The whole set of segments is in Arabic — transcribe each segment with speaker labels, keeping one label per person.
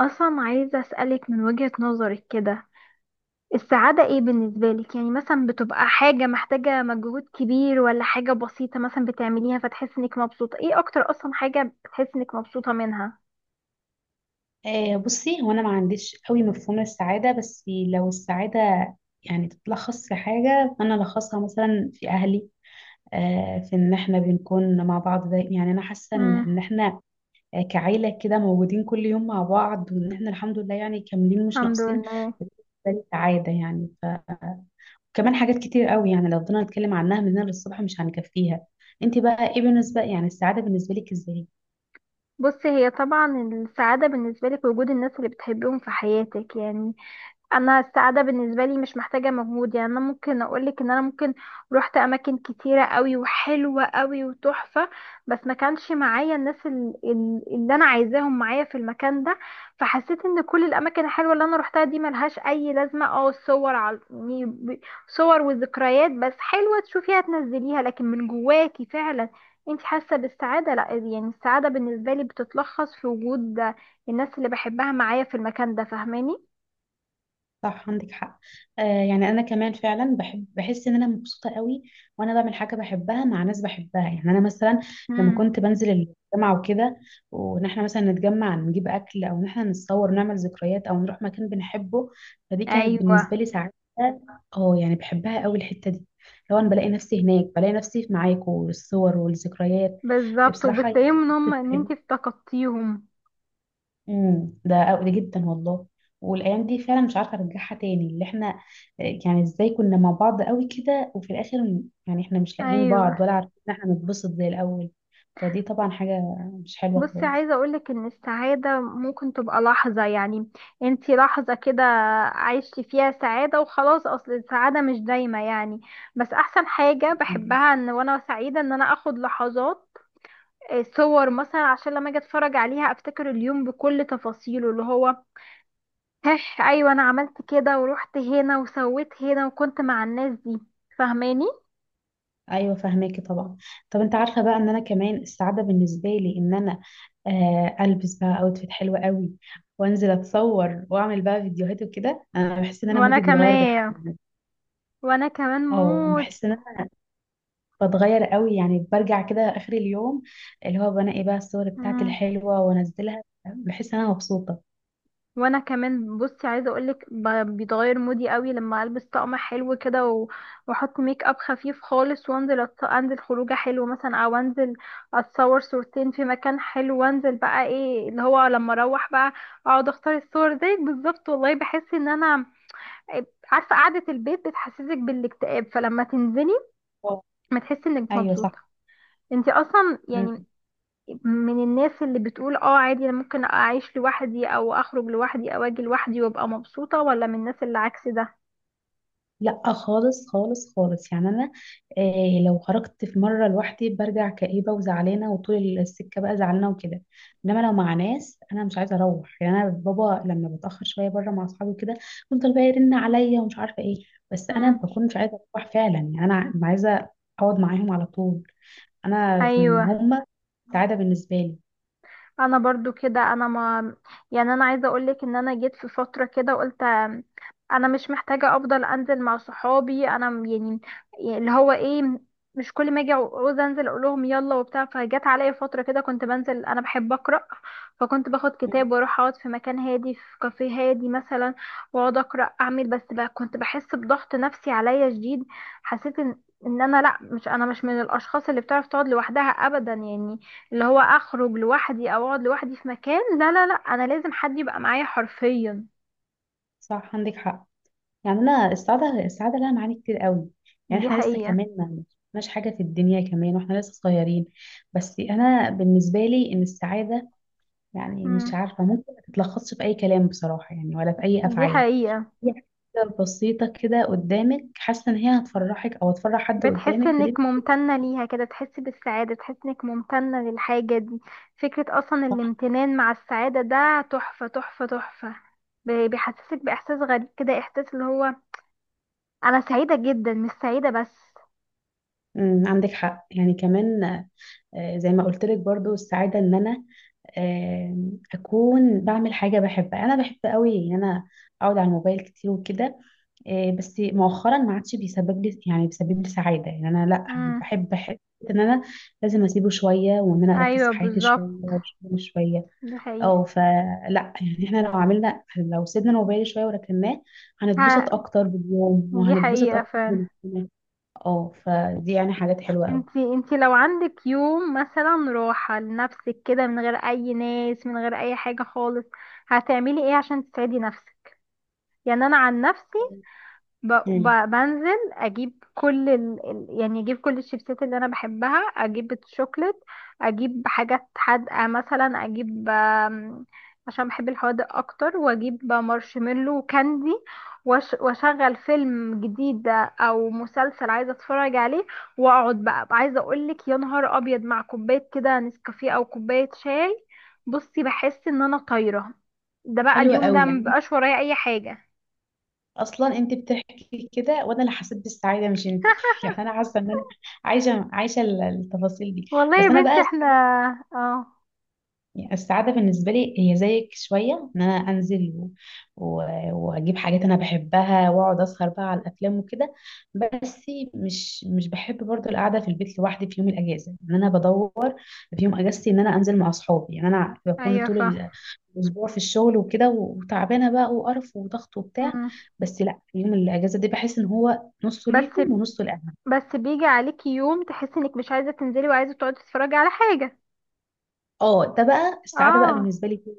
Speaker 1: اصلا عايزه اسالك من وجهة نظرك كده، السعاده ايه بالنسبه لك؟ يعني مثلا بتبقى حاجه محتاجه مجهود كبير ولا حاجه بسيطه مثلا بتعمليها فتحس انك مبسوطه؟ ايه اكتر اصلا حاجه بتحس انك مبسوطه منها؟
Speaker 2: آه، بصي، هو انا ما عنديش قوي مفهوم السعاده، بس لو السعاده يعني تتلخص في حاجه، فانا لخصها مثلا في اهلي. في ان احنا بنكون مع بعض يعني انا حاسه ان
Speaker 1: امم.
Speaker 2: إن احنا كعيله كده، موجودين كل يوم مع بعض، وان احنا الحمد لله يعني كاملين مش
Speaker 1: الحمد
Speaker 2: ناقصين.
Speaker 1: لله.
Speaker 2: ده السعاده يعني كمان حاجات كتير قوي، يعني لو فضلنا نتكلم عنها من هنا للصبح مش هنكفيها. انت بقى ايه بالنسبه، يعني السعاده بالنسبه لك ازاي؟
Speaker 1: بصي، هي طبعا السعاده بالنسبه لك وجود الناس اللي بتحبيهم في حياتك يعني. انا السعاده بالنسبه لي مش محتاجه مجهود، يعني انا ممكن اقولك ان انا ممكن روحت اماكن كتيره قوي وحلوه قوي وتحفه، بس ما كانش معايا الناس اللي انا عايزاهم معايا في المكان ده. فحسيت ان كل الاماكن الحلوه اللي انا روحتها دي ملهاش اي لازمه. اه، صور على يعني صور وذكريات بس، حلوه تشوفيها تنزليها، لكن من جواكي فعلا انت حاسه بالسعاده؟ لا. يعني السعاده بالنسبه لي بتتلخص في وجود الناس اللي بحبها معايا في المكان ده، فاهماني؟
Speaker 2: صح، عندك حق. آه، يعني انا كمان فعلا بحب، بحس ان انا مبسوطه قوي وانا بعمل حاجه بحبها مع ناس بحبها. يعني انا مثلا لما
Speaker 1: مم.
Speaker 2: كنت بنزل الجامعه وكده، وان احنا مثلا نتجمع نجيب اكل، او ان احنا نتصور ونعمل ذكريات، او نروح مكان بنحبه، فدي كانت
Speaker 1: ايوه،
Speaker 2: بالنسبه لي سعاده. اه يعني بحبها قوي الحته دي. لو انا بلاقي نفسي هناك، بلاقي نفسي معاكم والصور والذكريات،
Speaker 1: بالظبط،
Speaker 2: بصراحه يعني
Speaker 1: وبتلاقيهم ان هم ان انتي
Speaker 2: بتسعدني.
Speaker 1: افتقدتيهم.
Speaker 2: ده قوي جدا والله. والايام دي فعلا مش عارفه ارجعها تاني، اللي احنا يعني ازاي كنا مع بعض قوي كده، وفي الاخر يعني احنا مش لاقيين
Speaker 1: ايوه.
Speaker 2: بعض، ولا عارفين ان احنا نتبسط زي الاول. فدي طبعا حاجه مش حلوه
Speaker 1: بصي،
Speaker 2: خالص.
Speaker 1: عايزه اقولك ان السعاده ممكن تبقى لحظه يعني، انتي لحظه كده عايشتي فيها سعاده وخلاص، اصل السعاده مش دايمه يعني. بس احسن حاجه
Speaker 2: مم.
Speaker 1: بحبها ان وانا سعيده ان انا اخد لحظات صور مثلا، عشان لما اجي اتفرج عليها افتكر اليوم بكل تفاصيله، اللي هو هح، ايوه انا عملت كده ورحت هنا وسويت هنا وكنت مع الناس دي، فاهماني؟
Speaker 2: ايوه فهماكي طبعا. طب انت عارفه بقى، ان انا كمان السعاده بالنسبه لي، ان انا البس بقى اوتفيت حلوه قوي، وانزل اتصور، واعمل بقى فيديوهات وكده، انا بحس ان انا
Speaker 1: وانا
Speaker 2: مودي بيتغير بالحق.
Speaker 1: كمان. وانا كمان
Speaker 2: اه
Speaker 1: موت.
Speaker 2: بحس ان بتغير قوي، يعني برجع كده اخر اليوم، اللي هو بنقي بقى الصور بتاعتي
Speaker 1: مم.
Speaker 2: الحلوه وانزلها، بحس ان انا مبسوطه.
Speaker 1: وانا كمان. بصي، عايزه اقولك بيتغير مودي قوي لما البس طقم حلو كده واحط ميك اب خفيف خالص وانزل انزل خروجه حلو مثلا، او انزل اتصور صورتين في مكان حلو، وانزل بقى ايه اللي هو لما اروح بقى اقعد اختار الصور زيك بالظبط والله، بحس ان انا، عارفه قعده البيت بتحسسك بالاكتئاب، فلما تنزلي
Speaker 2: واو.
Speaker 1: ما تحسي انك
Speaker 2: ايوه صح.
Speaker 1: مبسوطه. انتي اصلا
Speaker 2: مم.
Speaker 1: يعني من الناس اللي بتقول اه، عادي انا ممكن اعيش لوحدي او اخرج لوحدي او اجي لوحدي وابقى مبسوطة، ولا من الناس اللي عكس ده؟
Speaker 2: لا خالص خالص خالص، يعني انا إيه لو خرجت في مره لوحدي برجع كئيبه وزعلانه، وطول السكه بقى زعلانه وكده. انما لو مع ناس انا مش عايزه اروح. يعني انا بابا لما بتاخر شويه بره مع اصحابي وكده، بيفضل بقى يرن عليا ومش عارفه ايه، بس انا
Speaker 1: مم.
Speaker 2: بكون مش عايزه اروح فعلا. يعني انا عايزه اقعد معاهم على طول. انا،
Speaker 1: ايوه،
Speaker 2: هما سعاده بالنسبه لي.
Speaker 1: انا برضو كده. انا، ما يعني، انا عايزه اقولك ان انا جيت في فتره كده قلت انا مش محتاجه افضل انزل مع صحابي. انا يعني اللي هو ايه، مش كل ما اجي عاوز انزل اقول لهم يلا وبتاع. فجت عليا فتره كده كنت بنزل، انا بحب اقرا، فكنت باخد
Speaker 2: مم.
Speaker 1: كتاب واروح اقعد في مكان هادي، في كافيه هادي مثلا، واقعد اقرا اعمل. بس بقى كنت بحس بضغط نفسي عليا شديد، حسيت ان انا لا، مش انا، مش من الاشخاص اللي بتعرف تقعد لوحدها ابدا يعني، اللي هو اخرج لوحدي او اقعد لوحدي في مكان، لا لا لا، انا لازم حد يبقى معايا حرفيا.
Speaker 2: صح، عندك حق. يعني انا السعاده لها معاني كتير قوي. يعني
Speaker 1: دي
Speaker 2: احنا لسه
Speaker 1: حقيقة.
Speaker 2: كمان ما، مش حاجه في الدنيا كمان واحنا لسه صغيرين. بس انا بالنسبه لي ان السعاده، يعني مش
Speaker 1: امم،
Speaker 2: عارفه، ممكن ما تتلخصش في اي كلام بصراحه، يعني ولا في اي
Speaker 1: دي
Speaker 2: افعال.
Speaker 1: حقيقة.
Speaker 2: هي حاجه بسيطه كده قدامك، حاسه ان هي هتفرحك او هتفرح حد
Speaker 1: بتحس
Speaker 2: قدامك، فدي.
Speaker 1: انك ممتنة ليها كده، تحس بالسعادة، تحس انك ممتنة للحاجة دي. فكرة اصلا
Speaker 2: صح.
Speaker 1: الامتنان مع السعادة ده تحفة تحفة تحفة. بيحسسك باحساس غريب كده، احساس اللي هو انا سعيدة جدا، مش سعيدة بس.
Speaker 2: عندك حق يعني كمان. زي ما قلت لك برضو السعادة، ان انا اكون بعمل حاجة بحبها. انا بحب قوي ان انا اقعد على الموبايل كتير وكده. بس مؤخرا ما عادش بيسبب لي، سعادة. يعني انا، لا، أنا
Speaker 1: امم.
Speaker 2: بحب، ان انا لازم اسيبه شوية، وان انا اركز
Speaker 1: ايوه،
Speaker 2: في حياتي شوية
Speaker 1: بالظبط،
Speaker 2: وشغلي شوية.
Speaker 1: دي حقيقة.
Speaker 2: او فلا، يعني احنا لو عملنا، لو سيبنا الموبايل شوية وركناه، هنتبسط
Speaker 1: ها،
Speaker 2: اكتر باليوم
Speaker 1: دي
Speaker 2: وهنتبسط
Speaker 1: حقيقة
Speaker 2: اكتر
Speaker 1: فعلا.
Speaker 2: بالسنة. اه فدي يعني حاجات حلوة
Speaker 1: انتي لو عندك يوم مثلا راحة لنفسك كده، من غير اي ناس، من غير اي حاجة خالص، هتعملي ايه عشان تسعدي نفسك؟ يعني انا عن نفسي،
Speaker 2: قوي،
Speaker 1: بنزل اجيب كل يعني، اجيب كل الشيبسات اللي انا بحبها، اجيب الشوكليت، اجيب حاجات حادقه، مثلا اجيب عشان بحب الحوادق اكتر، واجيب مارشميلو وكاندي، واشغل فيلم جديد او مسلسل عايزه اتفرج عليه، واقعد بقى، عايزه اقولك يا نهار ابيض، مع كوبايه كده نسكافيه او كوبايه شاي، بصي بحس ان انا طايره. ده بقى
Speaker 2: حلوة
Speaker 1: اليوم ده
Speaker 2: قوي. يعني
Speaker 1: مبقاش ورايا اي حاجه.
Speaker 2: اصلا انت بتحكي كده وانا اللي حسيت بالسعاده مش انت يعني انا حاسه ان انا عايشه التفاصيل دي.
Speaker 1: والله
Speaker 2: بس
Speaker 1: يا
Speaker 2: انا
Speaker 1: بنتي،
Speaker 2: بقى،
Speaker 1: احنا. اه.
Speaker 2: يعني السعاده بالنسبه لي هي زيك شويه، ان انا انزل و... واجيب حاجات انا بحبها، واقعد اسهر بقى على الافلام وكده. بس مش بحب برضو القعده في البيت لوحدي في يوم الاجازه. ان انا بدور في يوم اجازتي، ان انا انزل مع اصحابي. يعني انا بكون
Speaker 1: ايوه،
Speaker 2: طول
Speaker 1: صح.
Speaker 2: اسبوع في الشغل وكده، وتعبانه بقى وقرف وضغط وبتاع.
Speaker 1: مم.
Speaker 2: بس لا، يوم الاجازه دي بحس ان هو نصه
Speaker 1: بس،
Speaker 2: ليهم ونصه لاهلهم.
Speaker 1: بس بيجي عليكي يوم تحسي انك مش عايزه تنزلي وعايزه تقعدي تتفرجي على حاجه؟
Speaker 2: اه ده بقى السعاده بقى
Speaker 1: اه،
Speaker 2: بالنسبه لي فيه.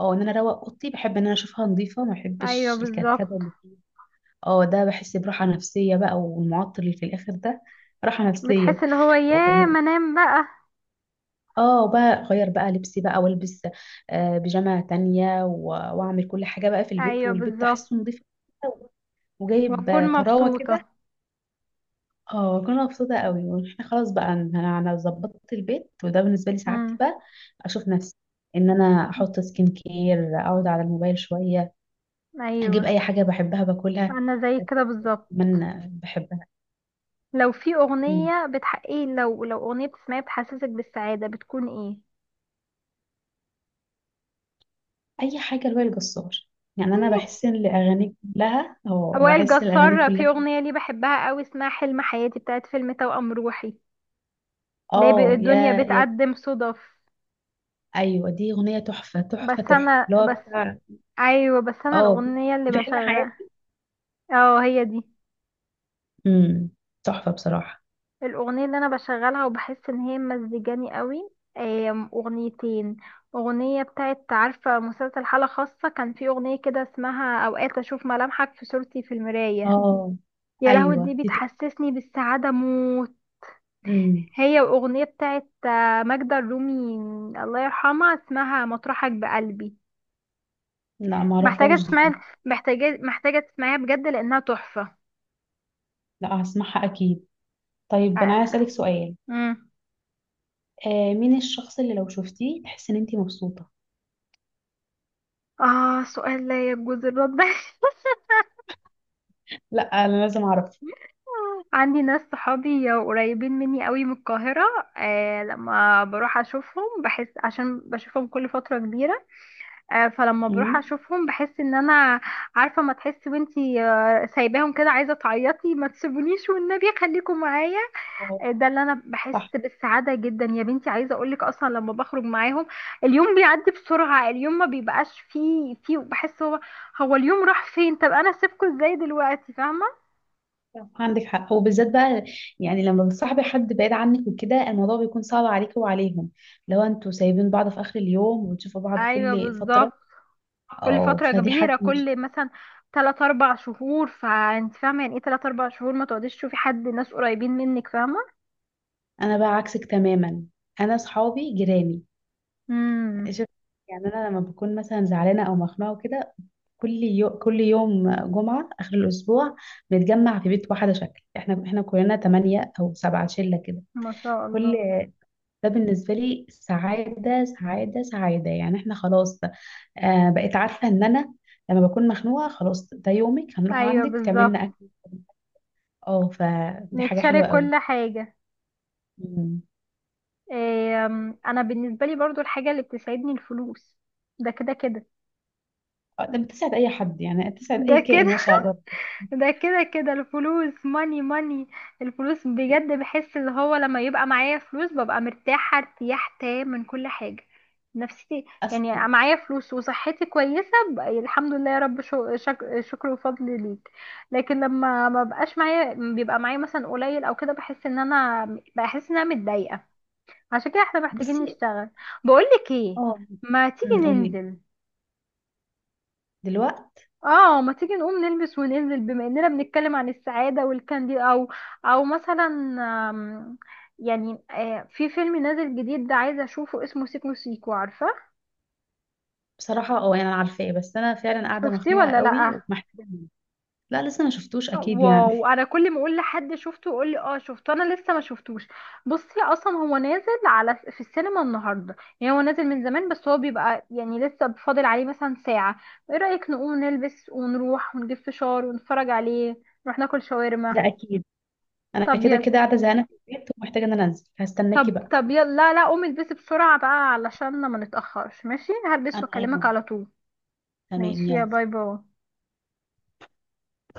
Speaker 2: اه، ان انا اروق اوضتي. بحب ان انا اشوفها نظيفه، ما
Speaker 1: ايوه،
Speaker 2: بحبش الكركبه
Speaker 1: بالظبط.
Speaker 2: اللي فيها. اه ده بحس براحه نفسيه بقى، والمعطر اللي في الاخر ده راحه نفسيه.
Speaker 1: بتحسي اللي هو ياه،
Speaker 2: و-
Speaker 1: ما انام بقى.
Speaker 2: اه بقى اغير بقى لبسي بقى، والبس بيجامه تانية واعمل كل حاجه بقى في البيت،
Speaker 1: ايوه،
Speaker 2: والبيت
Speaker 1: بالظبط،
Speaker 2: تحسه نظيف كده، وجايب
Speaker 1: واكون
Speaker 2: طراوه كده.
Speaker 1: مبسوطه.
Speaker 2: اه كنا مبسوطة قوي واحنا خلاص بقى، ان أنا ظبطت البيت، وده بالنسبة لي سعادتي
Speaker 1: امم.
Speaker 2: بقى. اشوف نفسي ان انا احط سكين كير، اقعد على الموبايل شوية، اجيب
Speaker 1: ايوه،
Speaker 2: اي حاجة بحبها باكلها
Speaker 1: انا زي كده بالظبط.
Speaker 2: اتمنى بحبها.
Speaker 1: لو في
Speaker 2: أمم.
Speaker 1: اغنيه بتحقق، لو اغنيه بتسمعيها بتحسسك بالسعاده، بتكون ايه؟
Speaker 2: اي حاجة لوائل الجسار. يعني انا بحس ان الاغاني كلها،
Speaker 1: وائل جسار في اغنيه ليه بحبها قوي، اسمها حلم حياتي، بتاعت فيلم توأم روحي. ليه
Speaker 2: اه
Speaker 1: الدنيا
Speaker 2: يا يا
Speaker 1: بتقدم صدف.
Speaker 2: ايوه دي اغنية تحفة تحفة
Speaker 1: بس
Speaker 2: تحفة،
Speaker 1: انا
Speaker 2: اللي هو
Speaker 1: بس،
Speaker 2: بتاع
Speaker 1: ايوه بس انا
Speaker 2: اه
Speaker 1: الاغنيه اللي
Speaker 2: في حين
Speaker 1: بشغل،
Speaker 2: حياتي.
Speaker 1: اه، هي دي
Speaker 2: امم تحفة بصراحة.
Speaker 1: الاغنيه اللي انا بشغلها وبحس ان هي مزجاني قوي. اغنيتين. اغنيه بتاعت، عارفه مسلسل حاله خاصه، كان في اغنيه كده اسمها اوقات اشوف ملامحك في صورتي في المرايه،
Speaker 2: اه
Speaker 1: يا لهوي،
Speaker 2: ايوه
Speaker 1: دي
Speaker 2: دي
Speaker 1: بتحسسني بالسعاده موت.
Speaker 2: تحفة.
Speaker 1: هي، واغنيه بتاعت ماجدة الرومي، الله يرحمها، اسمها مطرحك بقلبي.
Speaker 2: لا
Speaker 1: محتاجة
Speaker 2: معرفهاش
Speaker 1: تسمعي.
Speaker 2: دي.
Speaker 1: محتاجة تسمعيها بجد لأنها تحفة.
Speaker 2: لا هسمعها اكيد. طيب انا عايز اسالك
Speaker 1: آه.
Speaker 2: سؤال:
Speaker 1: مم.
Speaker 2: مين الشخص اللي لو شفتيه تحس ان انتي مبسوطه؟
Speaker 1: آه، سؤال لا يجوز الرد.
Speaker 2: لا، انا لازم اعرف.
Speaker 1: عندي ناس صحابي قريبين مني قوي من القاهرة، آه لما بروح أشوفهم بحس، عشان بشوفهم كل فترة كبيرة. آه، فلما بروح
Speaker 2: مم.
Speaker 1: أشوفهم بحس إن أنا، عارفة، ما تحسي وانتي سايباهم كده عايزة تعيطي، ما تسيبونيش والنبي، خليكم معايا.
Speaker 2: أهو،
Speaker 1: ده اللي انا بحس
Speaker 2: صح،
Speaker 1: بالسعاده جدا. يا بنتي، عايزه اقولك اصلا لما بخرج معاهم، اليوم بيعدي بسرعه، اليوم ما بيبقاش فيه. بحس هو اليوم راح فين، طب انا سيبكم ازاي دلوقتي؟ فاهمه؟
Speaker 2: صح، عندك حق. وبالذات بقى يعني لما بتصاحبي حد بعيد عنك وكده، الموضوع بيكون صعب عليك وعليهم لو انتوا سايبين بعض في اخر اليوم وتشوفوا بعض
Speaker 1: ايوه
Speaker 2: كل فتره.
Speaker 1: بالظبط. كل
Speaker 2: اه
Speaker 1: فتره
Speaker 2: فدي حاجه
Speaker 1: كبيره،
Speaker 2: مش.
Speaker 1: كل مثلا 3 4 شهور، فانت فاهمه يعني ايه 3 4 شهور ما تقعديش تشوفي حد ناس قريبين منك؟ فاهمه؟
Speaker 2: انا بقى عكسك تماما. انا صحابي جيراني.
Speaker 1: امم.
Speaker 2: شوف، يعني انا لما بكون مثلا زعلانه او مخنوقه وكده، كل يوم جمعة آخر الأسبوع بنتجمع في بيت واحدة شكل، احنا كلنا تمانية أو سبعة شلة كده.
Speaker 1: ما شاء
Speaker 2: كل
Speaker 1: الله.
Speaker 2: ده بالنسبة لي سعادة سعادة سعادة. يعني احنا خلاص بقيت عارفة إن أنا لما بكون مخنوقة خلاص، ده يومك، هنروح
Speaker 1: ايوه
Speaker 2: عندك
Speaker 1: بالظبط،
Speaker 2: تعملنا أكل. اه فدي حاجة حلوة
Speaker 1: نتشارك
Speaker 2: قوي.
Speaker 1: كل حاجه.
Speaker 2: مم.
Speaker 1: انا بالنسبه لي برضو الحاجه اللي بتسعدني الفلوس، ده كده كده.
Speaker 2: ده بتسعد أي حد، يعني بتسعد أي
Speaker 1: ده
Speaker 2: كائن
Speaker 1: كده.
Speaker 2: ماشي على الأرض.
Speaker 1: ده كده كده الفلوس، ماني ماني. الفلوس بجد، بحس اللي هو لما يبقى معايا فلوس ببقى مرتاحه ارتياح تام من كل حاجه. نفسيتي يعني،
Speaker 2: أصلا،
Speaker 1: أبقى معايا فلوس وصحتي كويسه بقى، الحمد لله يا رب، شكر وفضل ليك. لكن لما ما بقاش معايا، بيبقى معايا مثلا قليل او كده، بحس ان انا متضايقه. عشان كده احنا محتاجين
Speaker 2: بصي،
Speaker 1: نشتغل. بقولك ايه،
Speaker 2: اه.
Speaker 1: ما تيجي
Speaker 2: قولي.
Speaker 1: ننزل.
Speaker 2: دلوقتي
Speaker 1: اه، ما تيجي نقوم نلبس وننزل بما اننا بنتكلم عن السعادة والكاندي، او مثلا آم، يعني في فيلم نازل جديد، ده عايزة اشوفه، اسمه سيكو سيكو، عارفة؟
Speaker 2: بصراحة، يعني انا عارفاه، بس انا فعلا قاعدة
Speaker 1: شفتيه
Speaker 2: مخنوقة
Speaker 1: ولا
Speaker 2: قوي
Speaker 1: لأ؟
Speaker 2: ومحتاجة منه. لا لسه ما شفتوش اكيد يعني.
Speaker 1: واو، انا كل ما اقول لحد شفته يقول لي اه شفته، انا لسه ما شفتوش. بصي، اصلا هو نازل على في السينما النهارده، يعني هو نازل من زمان بس، هو بيبقى يعني لسه فاضل عليه مثلا ساعه. ايه رايك نقوم نلبس ونروح ونجيب فشار ونتفرج عليه، نروح ناكل شاورما؟
Speaker 2: لا اكيد. انا
Speaker 1: طب
Speaker 2: كده
Speaker 1: ي...
Speaker 2: كده قاعدة زهقانة في البيت، ومحتاجة ان انا انزل. هستناكي
Speaker 1: طب
Speaker 2: بقى.
Speaker 1: طب يلا، لا لا، قومي البسي بسرعه بقى علشان ما نتاخرش. ماشي، هلبس
Speaker 2: انا،
Speaker 1: واكلمك
Speaker 2: ايوه.
Speaker 1: على طول.
Speaker 2: تمام
Speaker 1: ماشي، يا
Speaker 2: يلا.
Speaker 1: باي باي.